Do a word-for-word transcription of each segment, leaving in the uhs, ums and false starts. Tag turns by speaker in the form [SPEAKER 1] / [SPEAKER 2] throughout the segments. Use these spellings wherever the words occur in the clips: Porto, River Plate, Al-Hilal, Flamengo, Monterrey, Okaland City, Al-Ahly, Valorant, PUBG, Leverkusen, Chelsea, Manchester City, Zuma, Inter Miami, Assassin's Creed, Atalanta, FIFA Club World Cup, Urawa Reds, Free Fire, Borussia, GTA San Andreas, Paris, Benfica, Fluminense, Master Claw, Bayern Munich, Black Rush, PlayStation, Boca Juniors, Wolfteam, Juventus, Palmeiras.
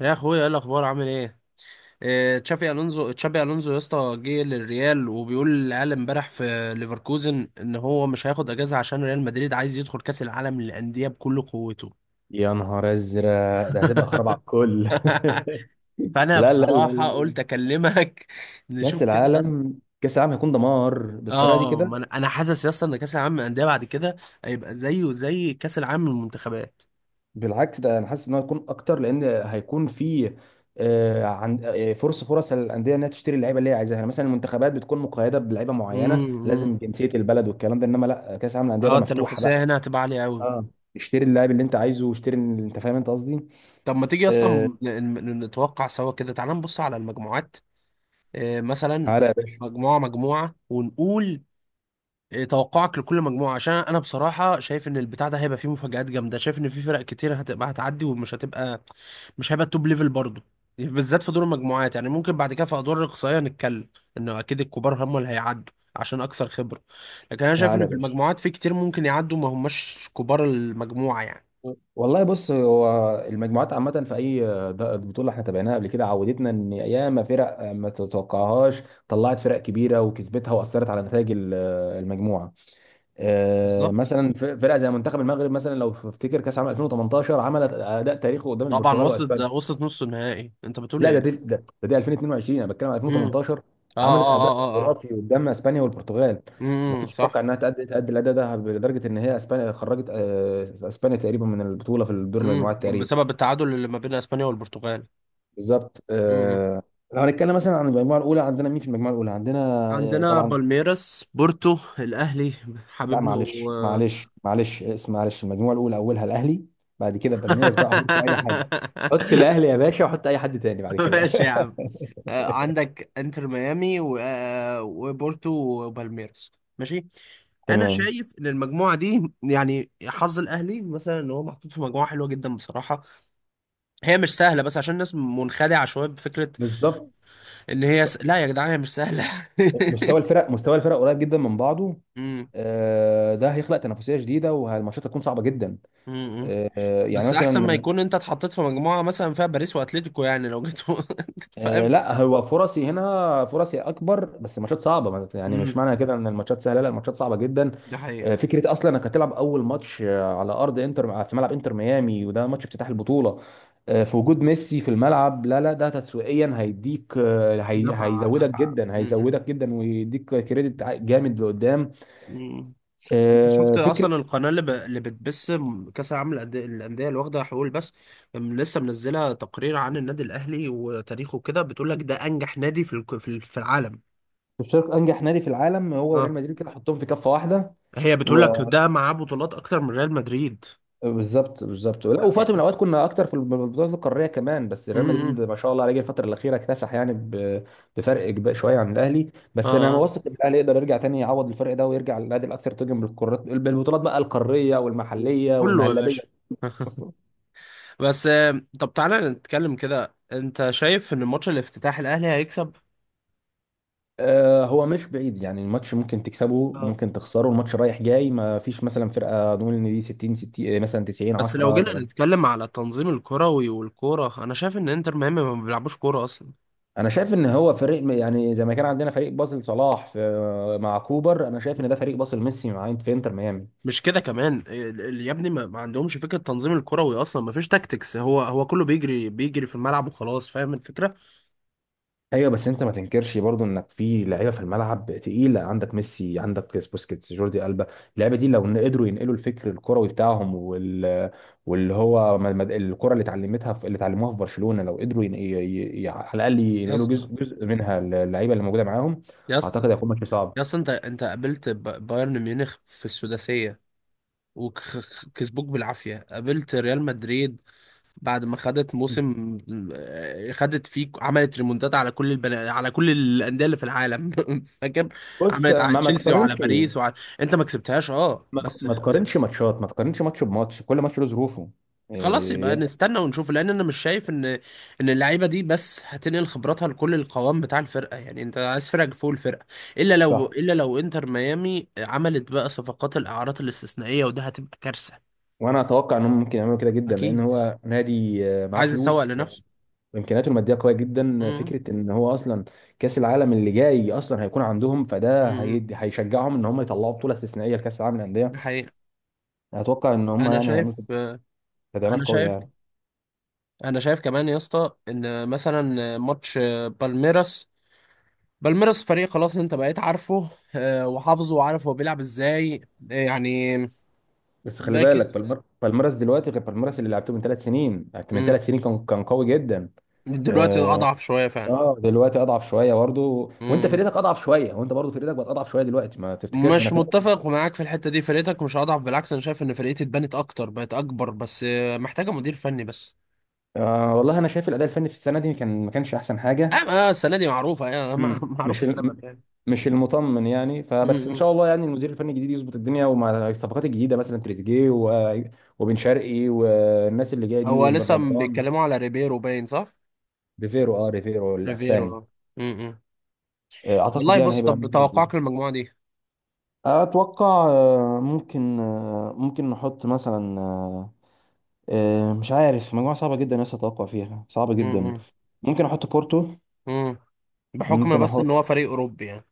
[SPEAKER 1] يا اخويا ايه الاخبار عامل ايه؟ إيه، تشافي الونزو تشافي الونزو يا اسطى، جه للريال وبيقول للعيال امبارح في ليفركوزن ان هو مش هياخد اجازه عشان ريال مدريد عايز يدخل كاس العالم للانديه بكل قوته.
[SPEAKER 2] يا نهار ازرق ده هتبقى خراب على الكل.
[SPEAKER 1] فانا
[SPEAKER 2] لا لا لا
[SPEAKER 1] بصراحه
[SPEAKER 2] لا
[SPEAKER 1] قلت اكلمك.
[SPEAKER 2] كاس
[SPEAKER 1] نشوف كده يا اسطى.
[SPEAKER 2] العالم، كاس العالم هيكون دمار
[SPEAKER 1] اه.
[SPEAKER 2] بالطريقه دي
[SPEAKER 1] آه،
[SPEAKER 2] كده.
[SPEAKER 1] ما انا أنا حاسس يا اسطى ان كاس العالم للانديه بعد كده هيبقى زيه زي كاس العالم للمنتخبات.
[SPEAKER 2] بالعكس، ده انا حاسس ان هو هيكون اكتر، لان هيكون في آه، عن آه، فرص فرص للانديه انها تشتري اللعيبه اللي هي عايزاها. يعني مثلا المنتخبات بتكون مقيده بلعيبه معينه، لازم
[SPEAKER 1] امم.
[SPEAKER 2] جنسيه البلد والكلام ده، انما لا، كاس العالم للانديه
[SPEAKER 1] اه،
[SPEAKER 2] بقى مفتوحه بقى.
[SPEAKER 1] التنافسيه هنا هتبقى عاليه قوي.
[SPEAKER 2] اه. اشتري اللاعب اللي انت عايزه، واشتري، انت فاهم انت قصدي.
[SPEAKER 1] طب ما تيجي
[SPEAKER 2] آه،
[SPEAKER 1] اصلا نتوقع سوا كده، تعال نبص على المجموعات. آه، مثلا
[SPEAKER 2] تعالى يا باشا.
[SPEAKER 1] مجموعة مجموعة ونقول آه، توقعك لكل مجموعة، عشان أنا بصراحة شايف إن البتاع ده هيبقى فيه مفاجآت جامدة، شايف إن في فرق كتير هتبقى هتعدي ومش هتبقى مش هيبقى التوب ليفل برضه، بالذات في دور المجموعات. يعني ممكن بعد كده في أدوار الإقصائية نتكلم، إنه أكيد الكبار هم اللي هيعدوا عشان أكثر خبرة. لكن أنا شايف
[SPEAKER 2] تعالى
[SPEAKER 1] إن
[SPEAKER 2] يا
[SPEAKER 1] في
[SPEAKER 2] باشا
[SPEAKER 1] المجموعات في كتير ممكن يعدوا ما هماش كبار المجموعة يعني.
[SPEAKER 2] والله بص، هو المجموعات عامة في أي د- بطولة احنا تابعناها قبل كده، عودتنا إن ياما فرق ما تتوقعهاش طلعت فرق كبيرة وكسبتها، وأثرت على نتائج ال- المجموعة. آه،
[SPEAKER 1] بالظبط.
[SPEAKER 2] مثلا ف- فرقة زي منتخب المغرب، مثلا لو تفتكر كأس عام ألفين وتمنتاشر، عملت أداء تاريخي قدام
[SPEAKER 1] طبعا
[SPEAKER 2] البرتغال
[SPEAKER 1] وصلت، ده
[SPEAKER 2] وأسبانيا.
[SPEAKER 1] وصلت نص النهائي. أنت بتقول
[SPEAKER 2] لا، ده دي
[SPEAKER 1] إيه؟
[SPEAKER 2] ده, ده دي ألفين واتنين وعشرين، أنا بتكلم على
[SPEAKER 1] امم.
[SPEAKER 2] ألفين وتمنتاشر.
[SPEAKER 1] آه،
[SPEAKER 2] عملت
[SPEAKER 1] آه،
[SPEAKER 2] أداء
[SPEAKER 1] آه، آه، آه.
[SPEAKER 2] خرافي قدام أسبانيا والبرتغال. ما
[SPEAKER 1] امم.
[SPEAKER 2] كنتش اتوقع
[SPEAKER 1] صح.
[SPEAKER 2] انها تأدي تأدي الاداء ده، لدرجه ان هي اسبانيا خرجت، آه، اسبانيا تقريبا من البطوله في دور
[SPEAKER 1] امم،
[SPEAKER 2] المجموعات تقريبا.
[SPEAKER 1] بسبب التعادل اللي ما بين اسبانيا والبرتغال.
[SPEAKER 2] بالظبط
[SPEAKER 1] امم.
[SPEAKER 2] آه. لو هنتكلم مثلا عن المجموعه الاولى، عندنا مين في المجموعه الاولى عندنا؟ آه
[SPEAKER 1] عندنا
[SPEAKER 2] طبعا.
[SPEAKER 1] بالميراس، بورتو، الاهلي
[SPEAKER 2] لا
[SPEAKER 1] حبيبنا، و
[SPEAKER 2] معلش، معلش معلش، اسم معلش، المجموعه الاولى اولها الاهلي. بعد كده بالميراس، بقى حطوا اي حد. حط الاهلي يا باشا، وحط اي حد تاني بعد كده.
[SPEAKER 1] ماشي يا عم. آه، عندك انتر ميامي و... آه، وبورتو وبالميراس. ماشي. انا
[SPEAKER 2] تمام.
[SPEAKER 1] شايف ان المجموعه دي، يعني حظ الاهلي مثلا، ان هو محطوط في مجموعه حلوه جدا بصراحه. هي مش سهله، بس عشان الناس منخدعه شويه بفكره
[SPEAKER 2] بالظبط.
[SPEAKER 1] ان هي
[SPEAKER 2] س-
[SPEAKER 1] س... لا يا جدعان، هي مش سهله.
[SPEAKER 2] مستوى الفرق، مستوى الفرق قريب جدا من بعضه. آه، ده هيخلق تنافسيه جديده، والماتشات هتكون صعبه جدا.
[SPEAKER 1] امم.
[SPEAKER 2] آه، يعني
[SPEAKER 1] بس احسن ما
[SPEAKER 2] مثلا
[SPEAKER 1] يكون انت اتحطيت في مجموعه مثلا فيها باريس واتليتيكو، يعني لو جيت.
[SPEAKER 2] آه،
[SPEAKER 1] فاهم.
[SPEAKER 2] لا هو فرصي هنا، فرصي اكبر، بس الماتشات صعبه. ما- يعني مش
[SPEAKER 1] امم.
[SPEAKER 2] معنى كده ان الماتشات سهله، لا، الماتشات صعبه جدا.
[SPEAKER 1] ده حقيقة.
[SPEAKER 2] آه، فكره اصلا انك هتلعب اول ماتش آه، على ارض انتر، آه، في ملعب انتر ميامي، وده ماتش افتتاح البطوله آه، في وجود ميسي في الملعب، لا لا، ده تسويقيا هيديك، آه، هي-
[SPEAKER 1] دفع
[SPEAKER 2] هيزودك
[SPEAKER 1] دفع.
[SPEAKER 2] جدا،
[SPEAKER 1] امم.
[SPEAKER 2] هيزودك جدا ويديك كريدت ع- جامد لقدام.
[SPEAKER 1] مم. انت
[SPEAKER 2] آه،
[SPEAKER 1] شفت
[SPEAKER 2] فكره
[SPEAKER 1] اصلا القناه، اللي, ب... اللي بتبث كاس العالم للأندية، الانديه اللي واخده حقوق بس؟ لسه منزله تقرير عن النادي الاهلي وتاريخه كده، بتقول لك ده انجح نادي في الك- في ال- في العالم.
[SPEAKER 2] تشارك انجح نادي في العالم هو وريال
[SPEAKER 1] اه.
[SPEAKER 2] مدريد، كده حطهم في كفه واحده.
[SPEAKER 1] هي بتقول لك ده معاه بطولات اكتر من ريال مدريد.
[SPEAKER 2] بالظبط، بالظبط. لا، وفي وقت من الاوقات كنا اكتر في البطولات القاريه كمان، بس ريال مدريد
[SPEAKER 1] امم.
[SPEAKER 2] ما شاء الله عليه جه الفتره الاخيره اكتسح يعني ب- بفرق كبير شويه عن الاهلي، بس انا
[SPEAKER 1] اه،
[SPEAKER 2] واثق ان الاهلي يقدر يرجع تاني، يعوض الفرق ده، ويرجع للنادي الاكثر تتويجا بالقارات، بالبطولات بقى القاريه والمحليه
[SPEAKER 1] كله يا
[SPEAKER 2] والمهلبيه.
[SPEAKER 1] باشا. بس آه، طب تعالى نتكلم كده، انت شايف ان ماتش الافتتاح الاهلي هيكسب
[SPEAKER 2] آه، هو مش بعيد، يعني الماتش ممكن تكسبه،
[SPEAKER 1] آه.
[SPEAKER 2] ممكن تخسره، الماتش رايح جاي، ما فيش مثلا فرقه نقول ان دي ستين ستين، آه، مثلا تسعين
[SPEAKER 1] بس لو
[SPEAKER 2] عشرة.
[SPEAKER 1] جينا نتكلم على التنظيم الكروي والكوره، انا شايف ان انتر ميامي ما بيلعبوش كوره اصلا.
[SPEAKER 2] انا شايف ان هو فريق، يعني زي ما كان عندنا فريق باسل صلاح في مع كوبر، انا شايف ان ده فريق باسل ميسي مع في انتر ميامي.
[SPEAKER 1] مش كده كمان، ال- ال- يا ابني، ما ما عندهمش فكره التنظيم الكروي اصلا، ما فيش تاكتكس، هو هو كله بيجري بيجري في الملعب وخلاص. فاهم الفكره.
[SPEAKER 2] ايوه، بس انت ما تنكرش برضو انك في لعيبه في الملعب تقيله، عندك ميسي، عندك بوسكيتس، جوردي البا. اللعيبه دي لو إن قدروا ينقلوا الفكر الكروي بتاعهم وال... واللي هو م- م- الكره اللي اتعلمتها في... اللي اتعلموها في برشلونه، لو قدروا ين... ي... ي... ي- على الاقل
[SPEAKER 1] يا
[SPEAKER 2] ينقلوا
[SPEAKER 1] اسطى،
[SPEAKER 2] جزء جزء منها للعيبه اللي موجوده معاهم.
[SPEAKER 1] يا اسطى،
[SPEAKER 2] اعتقد هيكون ماتش صعب.
[SPEAKER 1] يا اسطى، انت انت قابلت ب- بايرن ميونخ في السداسيه وكسبوك بالعافيه، قابلت ريال مدريد بعد ما خدت موسم، آه، خدت فيه عملت ريمونتات على كل البنا... على كل الانديه اللي في العالم. فاكر؟
[SPEAKER 2] بص،
[SPEAKER 1] عملت على
[SPEAKER 2] ما ما
[SPEAKER 1] تشيلسي وعلى
[SPEAKER 2] تقارنش،
[SPEAKER 1] باريس وعلى انت ما كسبتهاش، اه،
[SPEAKER 2] ما
[SPEAKER 1] بس
[SPEAKER 2] ما
[SPEAKER 1] خ...
[SPEAKER 2] تقارنش ماتشات، ما تقارنش ماتش بماتش، كل ماتش له ظروفه.
[SPEAKER 1] خلاص يبقى
[SPEAKER 2] إيه.
[SPEAKER 1] نستنى ونشوف، لان انا مش شايف ان ان اللعيبه دي بس هتنقل خبراتها لكل القوام بتاع الفرقه يعني. انت عايز فرقه فوق الفرقه، الا لو
[SPEAKER 2] صح.
[SPEAKER 1] الا لو انتر ميامي عملت بقى صفقات الاعارات الاستثنائيه، وده هتبقى كارثه.
[SPEAKER 2] وانا اتوقع انهم ممكن يعملوا كده جدا، لان
[SPEAKER 1] اكيد،
[SPEAKER 2] هو نادي، آه، معاه
[SPEAKER 1] عايز يسوق
[SPEAKER 2] فلوس
[SPEAKER 1] لنفسه.
[SPEAKER 2] وامكانياته الماديه قويه جدا.
[SPEAKER 1] امم.
[SPEAKER 2] فكره ان هو اصلا كاس العالم اللي جاي اصلا هيكون عندهم، فده
[SPEAKER 1] امم.
[SPEAKER 2] هيدي، هيشجعهم ان هم يطلعوا بطوله استثنائيه لكاس العالم للانديه.
[SPEAKER 1] ده حقيقه.
[SPEAKER 2] اتوقع ان هم
[SPEAKER 1] انا
[SPEAKER 2] يعني
[SPEAKER 1] شايف
[SPEAKER 2] هيعملوا تدعيمات
[SPEAKER 1] انا
[SPEAKER 2] قويه
[SPEAKER 1] شايف
[SPEAKER 2] يعني.
[SPEAKER 1] انا شايف كمان يا اسطى، ان مثلا ماتش بالميراس بالميراس فريق خلاص انت بقيت عارفه، آه، وحافظه وعارف هو بيلعب ازاي، آه، يعني.
[SPEAKER 2] بس خلي
[SPEAKER 1] باكد.
[SPEAKER 2] بالك بالمر... بالميراس دلوقتي غير بالميراس اللي لعبته من ثلاث سنين، من
[SPEAKER 1] مم.
[SPEAKER 2] ثلاث سنين كان، كان قوي جدا.
[SPEAKER 1] دلوقتي اضعف شويه فعلا.
[SPEAKER 2] اه، دلوقتي اضعف شويه برضه، وانت
[SPEAKER 1] مم.
[SPEAKER 2] فرقتك اضعف شويه، وانت برضه فرقتك بقت اضعف شويه دلوقتي، ما تفتكرش
[SPEAKER 1] مش
[SPEAKER 2] انك انت.
[SPEAKER 1] متفق معاك في الحته دي، فرقتك مش اضعف، بالعكس انا شايف ان فرقتي اتبنت اكتر، بقت اكبر، بس آه، محتاجه مدير فني بس.
[SPEAKER 2] آه والله انا شايف الاداء الفني في السنه دي كان، ما كانش احسن
[SPEAKER 1] اه.
[SPEAKER 2] حاجه.
[SPEAKER 1] آه، السنه دي معروفه يعني. مع-
[SPEAKER 2] مم.
[SPEAKER 1] معروف
[SPEAKER 2] مش ال...
[SPEAKER 1] السبب يعني.
[SPEAKER 2] مش المطمن يعني، فبس ان
[SPEAKER 1] مم.
[SPEAKER 2] شاء الله يعني المدير الفني الجديد يظبط الدنيا، ومع الصفقات الجديده مثلا تريزيجيه و... وبن شرقي، والناس اللي جايه دي،
[SPEAKER 1] هو
[SPEAKER 2] وبن
[SPEAKER 1] لسه
[SPEAKER 2] رمضان.
[SPEAKER 1] بيتكلموا على ريبيرو باين، صح؟
[SPEAKER 2] ريفيرو، اه، ريفيرو
[SPEAKER 1] ريبيرو،
[SPEAKER 2] الاسباني.
[SPEAKER 1] اه. مم.
[SPEAKER 2] آه، اعتقد
[SPEAKER 1] والله
[SPEAKER 2] يعني
[SPEAKER 1] بص،
[SPEAKER 2] هيبقى
[SPEAKER 1] طب
[SPEAKER 2] ممكن.
[SPEAKER 1] توقعك للمجموعة دي؟
[SPEAKER 2] اتوقع، آه، ممكن آه، ممكن نحط مثلا آه، مش عارف، مجموعة صعبة جدا لسه، أتوقع فيها صعبة جدا.
[SPEAKER 1] امم.
[SPEAKER 2] ممكن أحط بورتو،
[SPEAKER 1] امم. بحكم
[SPEAKER 2] ممكن
[SPEAKER 1] بس ان
[SPEAKER 2] أحط
[SPEAKER 1] هو فريق اوروبي يعني.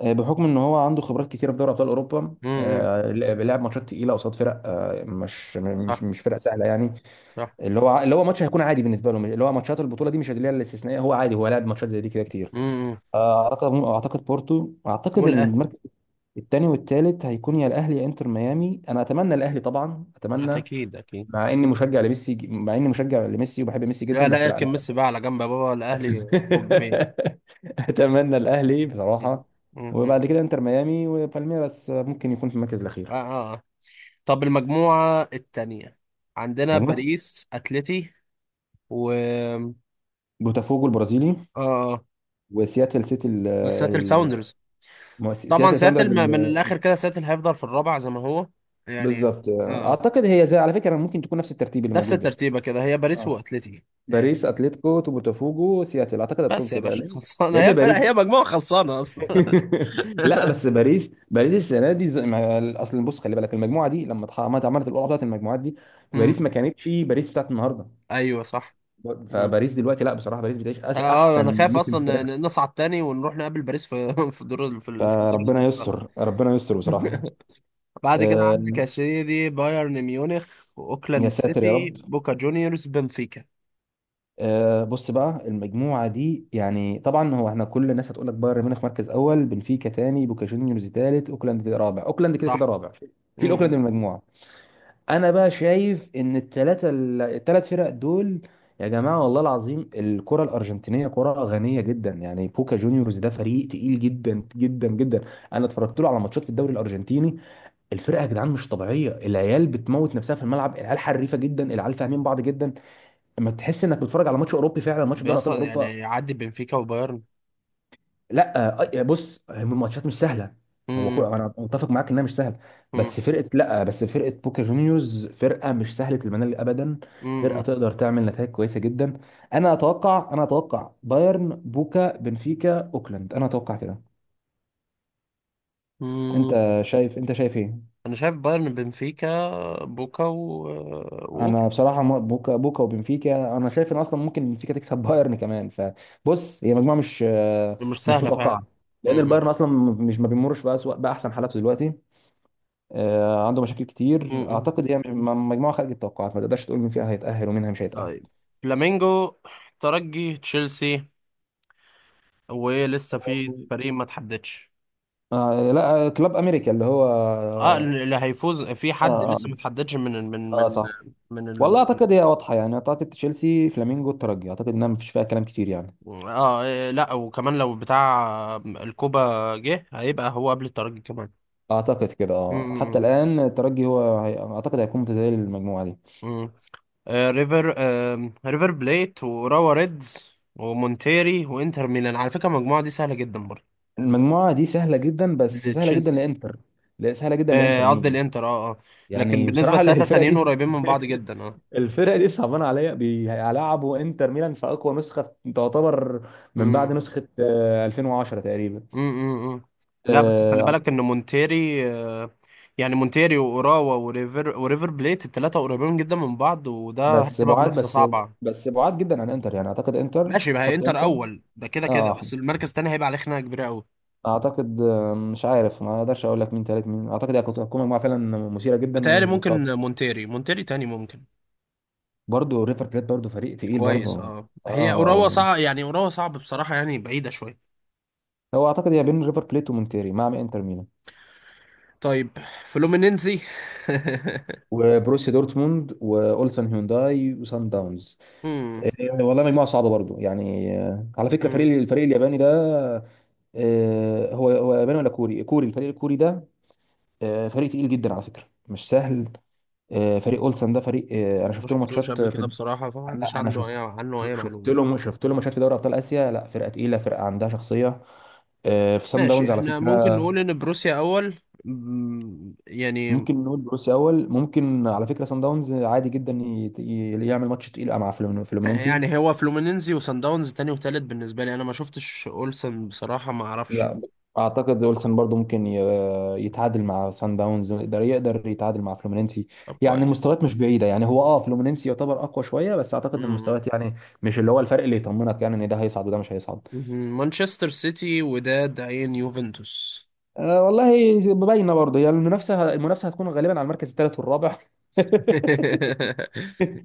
[SPEAKER 2] آه، بحكم إن هو عنده خبرات كتيرة في دوري أبطال أوروبا،
[SPEAKER 1] امم.
[SPEAKER 2] آه، لعب ماتشات تقيلة قصاد فرق آه، مش مش
[SPEAKER 1] صح.
[SPEAKER 2] مش فرق سهلة يعني.
[SPEAKER 1] صح.
[SPEAKER 2] اللي هو اللي هو ماتش هيكون عادي بالنسبة له، مش- اللي هو ماتشات البطولة دي، مش اللي هي الاستثنائية، هو عادي، هو لعب ماتشات زي دي كده كتير.
[SPEAKER 1] امم.
[SPEAKER 2] آه، أعتقد أعتقد بورتو أعتقد
[SPEAKER 1] والاهلي.
[SPEAKER 2] المركز التاني والتالت هيكون يا الاهلي يا انتر ميامي، انا اتمنى الاهلي طبعا، اتمنى.
[SPEAKER 1] اكيد، اكيد.
[SPEAKER 2] مع اني مشجع لميسي، مع اني مشجع لميسي وبحب ميسي
[SPEAKER 1] لا
[SPEAKER 2] جدا،
[SPEAKER 1] لا،
[SPEAKER 2] بس
[SPEAKER 1] اركن
[SPEAKER 2] لا.
[SPEAKER 1] ميسي بقى على جنب يا بابا، الاهلي فوق، جميل.
[SPEAKER 2] اتمنى الاهلي بصراحه،
[SPEAKER 1] امم.
[SPEAKER 2] وبعد كده انتر ميامي، وبالميراس ممكن يكون في المركز
[SPEAKER 1] اه،
[SPEAKER 2] الاخير.
[SPEAKER 1] اه. آه. طب المجموعة التانية، عندنا
[SPEAKER 2] مجموعه
[SPEAKER 1] باريس، اتلتي، و اه
[SPEAKER 2] بوتافوجو البرازيلي
[SPEAKER 1] آه.
[SPEAKER 2] وسياتل سيتي ال
[SPEAKER 1] وسياتل
[SPEAKER 2] ال-
[SPEAKER 1] ساوندرز.
[SPEAKER 2] مو-
[SPEAKER 1] طبعا
[SPEAKER 2] سياتل
[SPEAKER 1] سياتل،
[SPEAKER 2] ساوندرز
[SPEAKER 1] م- من
[SPEAKER 2] ال-
[SPEAKER 1] الاخر كده سياتل هيفضل في الرابع زي ما هو، يعني.
[SPEAKER 2] بالظبط.
[SPEAKER 1] اه. آه.
[SPEAKER 2] اعتقد هي، زي على فكره، ممكن تكون نفس الترتيب اللي
[SPEAKER 1] نفس
[SPEAKER 2] موجود ده.
[SPEAKER 1] الترتيبة كده، هي باريس
[SPEAKER 2] اه،
[SPEAKER 1] واتلتي، يعني.
[SPEAKER 2] باريس، اتلتيكو، بوتافوجو، سياتل، اعتقد هتكون
[SPEAKER 1] بس يا
[SPEAKER 2] كده.
[SPEAKER 1] باشا
[SPEAKER 2] لان
[SPEAKER 1] خلصانه،
[SPEAKER 2] لان
[SPEAKER 1] هي فرق
[SPEAKER 2] باريس
[SPEAKER 1] هي مجموعه خلصانه اصلا.
[SPEAKER 2] لا، بس باريس، باريس السنه دي، زي ما- اصل بص خلي بالك، المجموعه دي لما اتح- عملت، عملت القرعه بتاعت المجموعات دي،
[SPEAKER 1] امم.
[SPEAKER 2] باريس ما كانتش باريس بتاعت النهارده.
[SPEAKER 1] ايوه، صح. امم.
[SPEAKER 2] فباريس دلوقتي، لا بصراحه باريس بتعيش
[SPEAKER 1] اه،
[SPEAKER 2] أس-
[SPEAKER 1] آه،
[SPEAKER 2] احسن
[SPEAKER 1] انا خايف
[SPEAKER 2] موسم في
[SPEAKER 1] اصلا
[SPEAKER 2] تاريخها.
[SPEAKER 1] ن- نصعد تاني ونروح نقابل باريس في في الدور ال- في ال- في الدور
[SPEAKER 2] فربنا
[SPEAKER 1] الانتقال.
[SPEAKER 2] يستر، ربنا يستر بصراحه.
[SPEAKER 1] بعد كده
[SPEAKER 2] آه،
[SPEAKER 1] عندك يا سيدي بايرن ميونخ،
[SPEAKER 2] يا
[SPEAKER 1] اوكلاند
[SPEAKER 2] ساتر يا
[SPEAKER 1] سيتي،
[SPEAKER 2] رب.
[SPEAKER 1] بوكا جونيورز، بنفيكا.
[SPEAKER 2] آه، بص بقى، المجموعه دي يعني طبعا هو، احنا كل الناس هتقول لك بايرن ميونخ مركز اول، بنفيكا ثاني، بوكا جونيورز ثالث، اوكلاند رابع، اوكلاند كده كده
[SPEAKER 1] صح.
[SPEAKER 2] رابع. شيل اوكلاند
[SPEAKER 1] امم.
[SPEAKER 2] من المجموعه. انا بقى شايف ان الثلاثه الثلاث فرق دول، يا جماعه والله العظيم، الكره الارجنتينيه كره غنيه جدا. يعني بوكا جونيورز ده فريق تقيل جدا جدا جدا. انا اتفرجت له على ماتشات في الدوري الارجنتيني، الفرقه يا جدعان مش طبيعيه، العيال بتموت نفسها في الملعب، العيال حريفه جدا، العيال فاهمين بعض جدا، اما تحس انك بتتفرج على ماتش اوروبي فعلا، ماتش في دوري ابطال
[SPEAKER 1] بيصلا
[SPEAKER 2] اوروبا.
[SPEAKER 1] يعني يعدي بنفيكا وبايرن؟
[SPEAKER 2] لا آه، آه، بص، هم الماتشات مش سهله، هو كل
[SPEAKER 1] امم.
[SPEAKER 2] انا متفق معاك انها مش سهله،
[SPEAKER 1] امم.
[SPEAKER 2] بس فرقه لا بس فرقه بوكا جونيورز فرقه مش سهله المنال ابدا، فرقه
[SPEAKER 1] امم.
[SPEAKER 2] تقدر تعمل نتائج كويسه جدا. انا اتوقع انا اتوقع بايرن، بوكا، بنفيكا، اوكلاند، انا اتوقع كده.
[SPEAKER 1] أمم.
[SPEAKER 2] انت شايف، انت شايف ايه؟
[SPEAKER 1] انا شايف بايرن، بنفيكا، بوكا و... واوكلاند.
[SPEAKER 2] انا بصراحه، م- بوكا بوكا وبنفيكا، انا شايف ان اصلا ممكن بنفيكا تكسب بايرن كمان، فبص هي مجموعه مش آه،
[SPEAKER 1] مش
[SPEAKER 2] مش
[SPEAKER 1] سهله فعلا.
[SPEAKER 2] متوقعه، لان البايرن اصلا مش، ما بيمرش بقى بقى احسن حالاته دلوقتي، آه، عنده مشاكل كتير.
[SPEAKER 1] امم.
[SPEAKER 2] اعتقد هي مش- م- مجموعه خارج التوقعات، ما تقدرش تقول مين فيها هيتاهل ومين مش هيتاهل.
[SPEAKER 1] طيب. فلامينجو، ترجي، تشيلسي، وايه لسه في فريق ما تحددش؟
[SPEAKER 2] آه لا آه، كلوب امريكا اللي هو
[SPEAKER 1] اه،
[SPEAKER 2] اه.
[SPEAKER 1] اللي هيفوز في حد
[SPEAKER 2] اه,
[SPEAKER 1] لسه ما تحددش من ال- من
[SPEAKER 2] آه
[SPEAKER 1] من
[SPEAKER 2] صح.
[SPEAKER 1] من ال...
[SPEAKER 2] والله اعتقد هي واضحه يعني، اعتقد تشيلسي، فلامينجو، الترجي، اعتقد انها مفيش فيها كلام كتير يعني.
[SPEAKER 1] اه، إيه، لا، وكمان لو بتاع الكوبا جه هيبقى هو قبل الترجي كمان.
[SPEAKER 2] اعتقد كده، اه، حتى
[SPEAKER 1] امم.
[SPEAKER 2] الان الترجي هو هي... اعتقد هيكون متزايل المجموعه دي.
[SPEAKER 1] امم. آه ريفر آه ريفر بليت، وراوا ريدز، ومونتيري، وانتر ميلان. على فكرة المجموعة دي سهلة جدا برضه،
[SPEAKER 2] المجموعه دي سهله جدا، بس سهله جدا
[SPEAKER 1] لتشيلسي.
[SPEAKER 2] لانتر لا، سهله جدا لانتر
[SPEAKER 1] آه، قصدي
[SPEAKER 2] ميلان.
[SPEAKER 1] الانتر، اه، اه. لكن
[SPEAKER 2] يعني
[SPEAKER 1] بالنسبة
[SPEAKER 2] بصراحه، اللي
[SPEAKER 1] للتلاتة
[SPEAKER 2] الفرقه
[SPEAKER 1] التانيين
[SPEAKER 2] دي
[SPEAKER 1] قريبين من بعض جدا، اه.
[SPEAKER 2] الفرق دي صعبانه عليا، بيلعبوا انتر ميلان في اقوى نسخه تعتبر من
[SPEAKER 1] مم.
[SPEAKER 2] بعد نسخه آه، ألفين وعشرة تقريبا.
[SPEAKER 1] مم. مم. لا بس خلي
[SPEAKER 2] آه،
[SPEAKER 1] بالك ان مونتيري، آه، يعني مونتيري واوراوا وريفر وريفر بليت، الثلاثه قريبين جدا من بعض، وده
[SPEAKER 2] بس
[SPEAKER 1] هتبقى
[SPEAKER 2] بعاد
[SPEAKER 1] منافسه
[SPEAKER 2] بس
[SPEAKER 1] صعبه.
[SPEAKER 2] بس بعاد جدا عن انتر يعني، اعتقد انتر،
[SPEAKER 1] ماشي، ما هي
[SPEAKER 2] حط
[SPEAKER 1] انتر
[SPEAKER 2] انتر.
[SPEAKER 1] اول ده كده كده،
[SPEAKER 2] اه،
[SPEAKER 1] بس المركز الثاني هيبقى عليه خناقه كبيره قوي.
[SPEAKER 2] اعتقد آه، مش عارف، ما اقدرش اقول لك مين تالت مين، اعتقد هي كانت هتكون مجموعه فعلا مثيره جدا.
[SPEAKER 1] بتهيألي
[SPEAKER 2] وطب
[SPEAKER 1] ممكن، مونتيري مونتيري تاني ممكن.
[SPEAKER 2] برضه ريفر بليت برضه فريق تقيل
[SPEAKER 1] كويس.
[SPEAKER 2] برضه.
[SPEAKER 1] اه، هي
[SPEAKER 2] اه، هو،
[SPEAKER 1] اوراوا صعب، يعني اوراوا صعب بصراحه، يعني بعيده شويه.
[SPEAKER 2] هو اعتقد هي بين ريفر بليت ومونتيري مع انتر ميلان.
[SPEAKER 1] طيب. فلومينينزي.
[SPEAKER 2] وبروسيا دورتموند، واولسن هيونداي، وسان داونز.
[SPEAKER 1] مم.
[SPEAKER 2] والله مجموعه صعبه برضو يعني. آه، على فكره
[SPEAKER 1] مم.
[SPEAKER 2] فريق، الفريق الياباني ده، آه، هو هو ياباني ولا كوري؟ كوري الفريق الكوري ده. آه، فريق تقيل جدا على فكره، مش سهل. آه، فريق اولسن ده فريق آه، انا
[SPEAKER 1] ما
[SPEAKER 2] شفت له
[SPEAKER 1] شفتوش
[SPEAKER 2] ماتشات
[SPEAKER 1] قبل
[SPEAKER 2] في،
[SPEAKER 1] كده بصراحه، فما عنديش
[SPEAKER 2] انا أنا
[SPEAKER 1] عنده
[SPEAKER 2] شفت
[SPEAKER 1] اي عنه اي
[SPEAKER 2] ش- شفت
[SPEAKER 1] معلومه.
[SPEAKER 2] له شفت له ماتشات في دوري ابطال اسيا، لا فرقه تقيله، فرقه عندها شخصيه. آه، في سان
[SPEAKER 1] ماشي،
[SPEAKER 2] داونز على
[SPEAKER 1] احنا ممكن
[SPEAKER 2] فكره.
[SPEAKER 1] نقول ان بروسيا اول. مم، يعني.
[SPEAKER 2] ممكن نقول بروسيا اول، ممكن على فكره سان داونز عادي جدا ي- ي- يعمل ماتش تقيل مع فلومينينسي.
[SPEAKER 1] يعني هو فلومينينزي وصن داونز تاني وتالت. بالنسبه لي انا، ما شفتش اولسن بصراحه، ما اعرفش.
[SPEAKER 2] لا اعتقد اولسن برضو ممكن ي- يتعادل مع سان داونز، يقدر يقدر يتعادل مع فلومينينسي.
[SPEAKER 1] طب
[SPEAKER 2] يعني
[SPEAKER 1] كويس.
[SPEAKER 2] المستويات مش بعيده، يعني هو اه، فلومينينسي يعتبر اقوى شويه، بس اعتقد ان
[SPEAKER 1] مم.
[SPEAKER 2] المستويات يعني مش اللي هو الفرق اللي يطمنك يعني ان ده هيصعد وده مش هيصعد.
[SPEAKER 1] مم. مانشستر سيتي، وداد، عين، يوفنتوس.
[SPEAKER 2] أه والله باينه برضه هي، يعني المنافسه، المنافسه هتكون غالبا على المركز الثالث والرابع.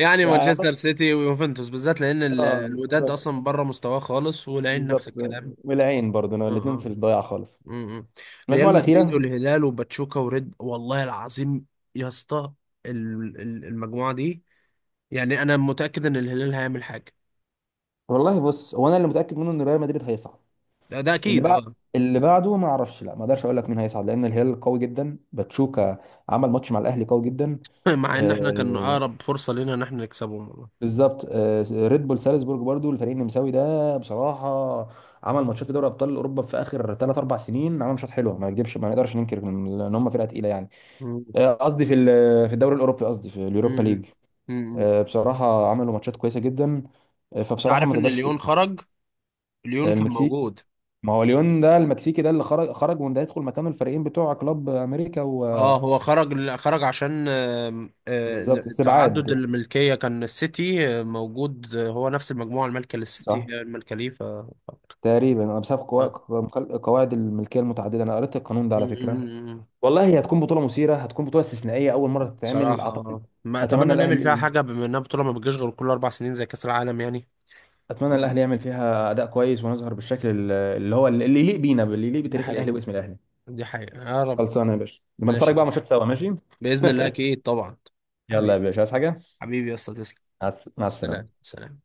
[SPEAKER 1] يعني
[SPEAKER 2] يعني
[SPEAKER 1] مانشستر
[SPEAKER 2] اعتقد،
[SPEAKER 1] سيتي ويوفنتوس بالذات، لان ال-
[SPEAKER 2] اه،
[SPEAKER 1] الوداد
[SPEAKER 2] بالظبط،
[SPEAKER 1] اصلا بره مستواه خالص، والعين نفس
[SPEAKER 2] بالظبط.
[SPEAKER 1] الكلام.
[SPEAKER 2] والعين برضه
[SPEAKER 1] اه، اه.
[SPEAKER 2] الاثنين في
[SPEAKER 1] آه.
[SPEAKER 2] الضياع خالص.
[SPEAKER 1] مم.
[SPEAKER 2] المجموعه
[SPEAKER 1] ريال مدريد،
[SPEAKER 2] الاخيره.
[SPEAKER 1] والهلال، وباتشوكا، وريد. والله العظيم يا اسطى، ال- ال- المجموعه دي، يعني انا متاكد ان الهلال هيعمل حاجه.
[SPEAKER 2] والله بص، هو انا اللي متاكد منه ان ريال مدريد هيصعد.
[SPEAKER 1] ده, ده
[SPEAKER 2] اللي
[SPEAKER 1] اكيد،
[SPEAKER 2] بعد،
[SPEAKER 1] اه.
[SPEAKER 2] اللي بعده ما اعرفش، لا ما اقدرش اقول لك مين هيصعد، لان الهلال قوي جدا، باتشوكا عمل ماتش مع الاهلي قوي جدا.
[SPEAKER 1] مع ان احنا كان
[SPEAKER 2] آه،
[SPEAKER 1] اقرب فرصه لنا ان احنا نكسبهم والله.
[SPEAKER 2] بالظبط آه. ريد بول سالزبورج برضو، الفريق النمساوي ده بصراحه عمل ماتشات في دوري ابطال اوروبا في اخر ثلاث اربع سنين، عمل ماتشات حلوه، ما نكذبش، ما نقدرش ننكر ان إن هم فرقه تقيله يعني.
[SPEAKER 1] مم.
[SPEAKER 2] آه، قصدي في ال- في الدوري الاوروبي، قصدي في اليوروبا ليج.
[SPEAKER 1] مم. مم.
[SPEAKER 2] آه، بصراحه عملوا ماتشات كويسه جدا. آه،
[SPEAKER 1] انت
[SPEAKER 2] فبصراحه ما
[SPEAKER 1] عارف ان
[SPEAKER 2] تقدرش تقول.
[SPEAKER 1] ليون خرج؟ ليون كان
[SPEAKER 2] المكسيك،
[SPEAKER 1] موجود.
[SPEAKER 2] ما هو ليون ده المكسيكي ده اللي خرج، خرج وان ده يدخل مكانه، الفريقين بتوع كلوب امريكا و...
[SPEAKER 1] اه، هو خرج، ل- خرج عشان آم، آه،
[SPEAKER 2] بالظبط،
[SPEAKER 1] تعدد
[SPEAKER 2] استبعاد.
[SPEAKER 1] الملكيه، كان السيتي آه، موجود، آه، هو نفس المجموعه المالكه للسيتي
[SPEAKER 2] صح.
[SPEAKER 1] هي المالكه ليه، ف ف-
[SPEAKER 2] تقريبا أنا بسبب
[SPEAKER 1] آه.
[SPEAKER 2] قوا- قواعد الملكيه المتعدده، انا قريت القانون ده على فكره.
[SPEAKER 1] مم.
[SPEAKER 2] والله هي هتكون بطوله مثيره، هتكون بطوله استثنائيه، اول مره تتعمل
[SPEAKER 1] بصراحة،
[SPEAKER 2] اعتقد.
[SPEAKER 1] آه. ما
[SPEAKER 2] اتمنى
[SPEAKER 1] أتمنى نعمل فيها
[SPEAKER 2] الاهلي،
[SPEAKER 1] حاجة بما إنها بطولة ما بتجيش غير كل أربع سنين زي كأس العالم يعني.
[SPEAKER 2] اتمنى
[SPEAKER 1] يا رب.
[SPEAKER 2] الاهلي يعمل فيها اداء كويس، ونظهر بالشكل ال- اللي هو اللي يليق بينا، اللي يليق
[SPEAKER 1] دي
[SPEAKER 2] بتاريخ الاهلي
[SPEAKER 1] حقيقة.
[SPEAKER 2] واسم الاهلي.
[SPEAKER 1] دي حقيقة يا رب.
[SPEAKER 2] خلصانه يا باشا، نبقى
[SPEAKER 1] ماشي
[SPEAKER 2] نتفرج
[SPEAKER 1] يا
[SPEAKER 2] بقى على
[SPEAKER 1] باشا.
[SPEAKER 2] ماتشات سوا، ماشي.
[SPEAKER 1] بإذن الله أكيد، طبعا.
[SPEAKER 2] يلا
[SPEAKER 1] حبيبي،
[SPEAKER 2] يا باشا، عايز حاجه؟
[SPEAKER 1] حبيبي يا أسطى، تسلم.
[SPEAKER 2] مع الس- مع
[SPEAKER 1] سلام،
[SPEAKER 2] السلامه.
[SPEAKER 1] سلام.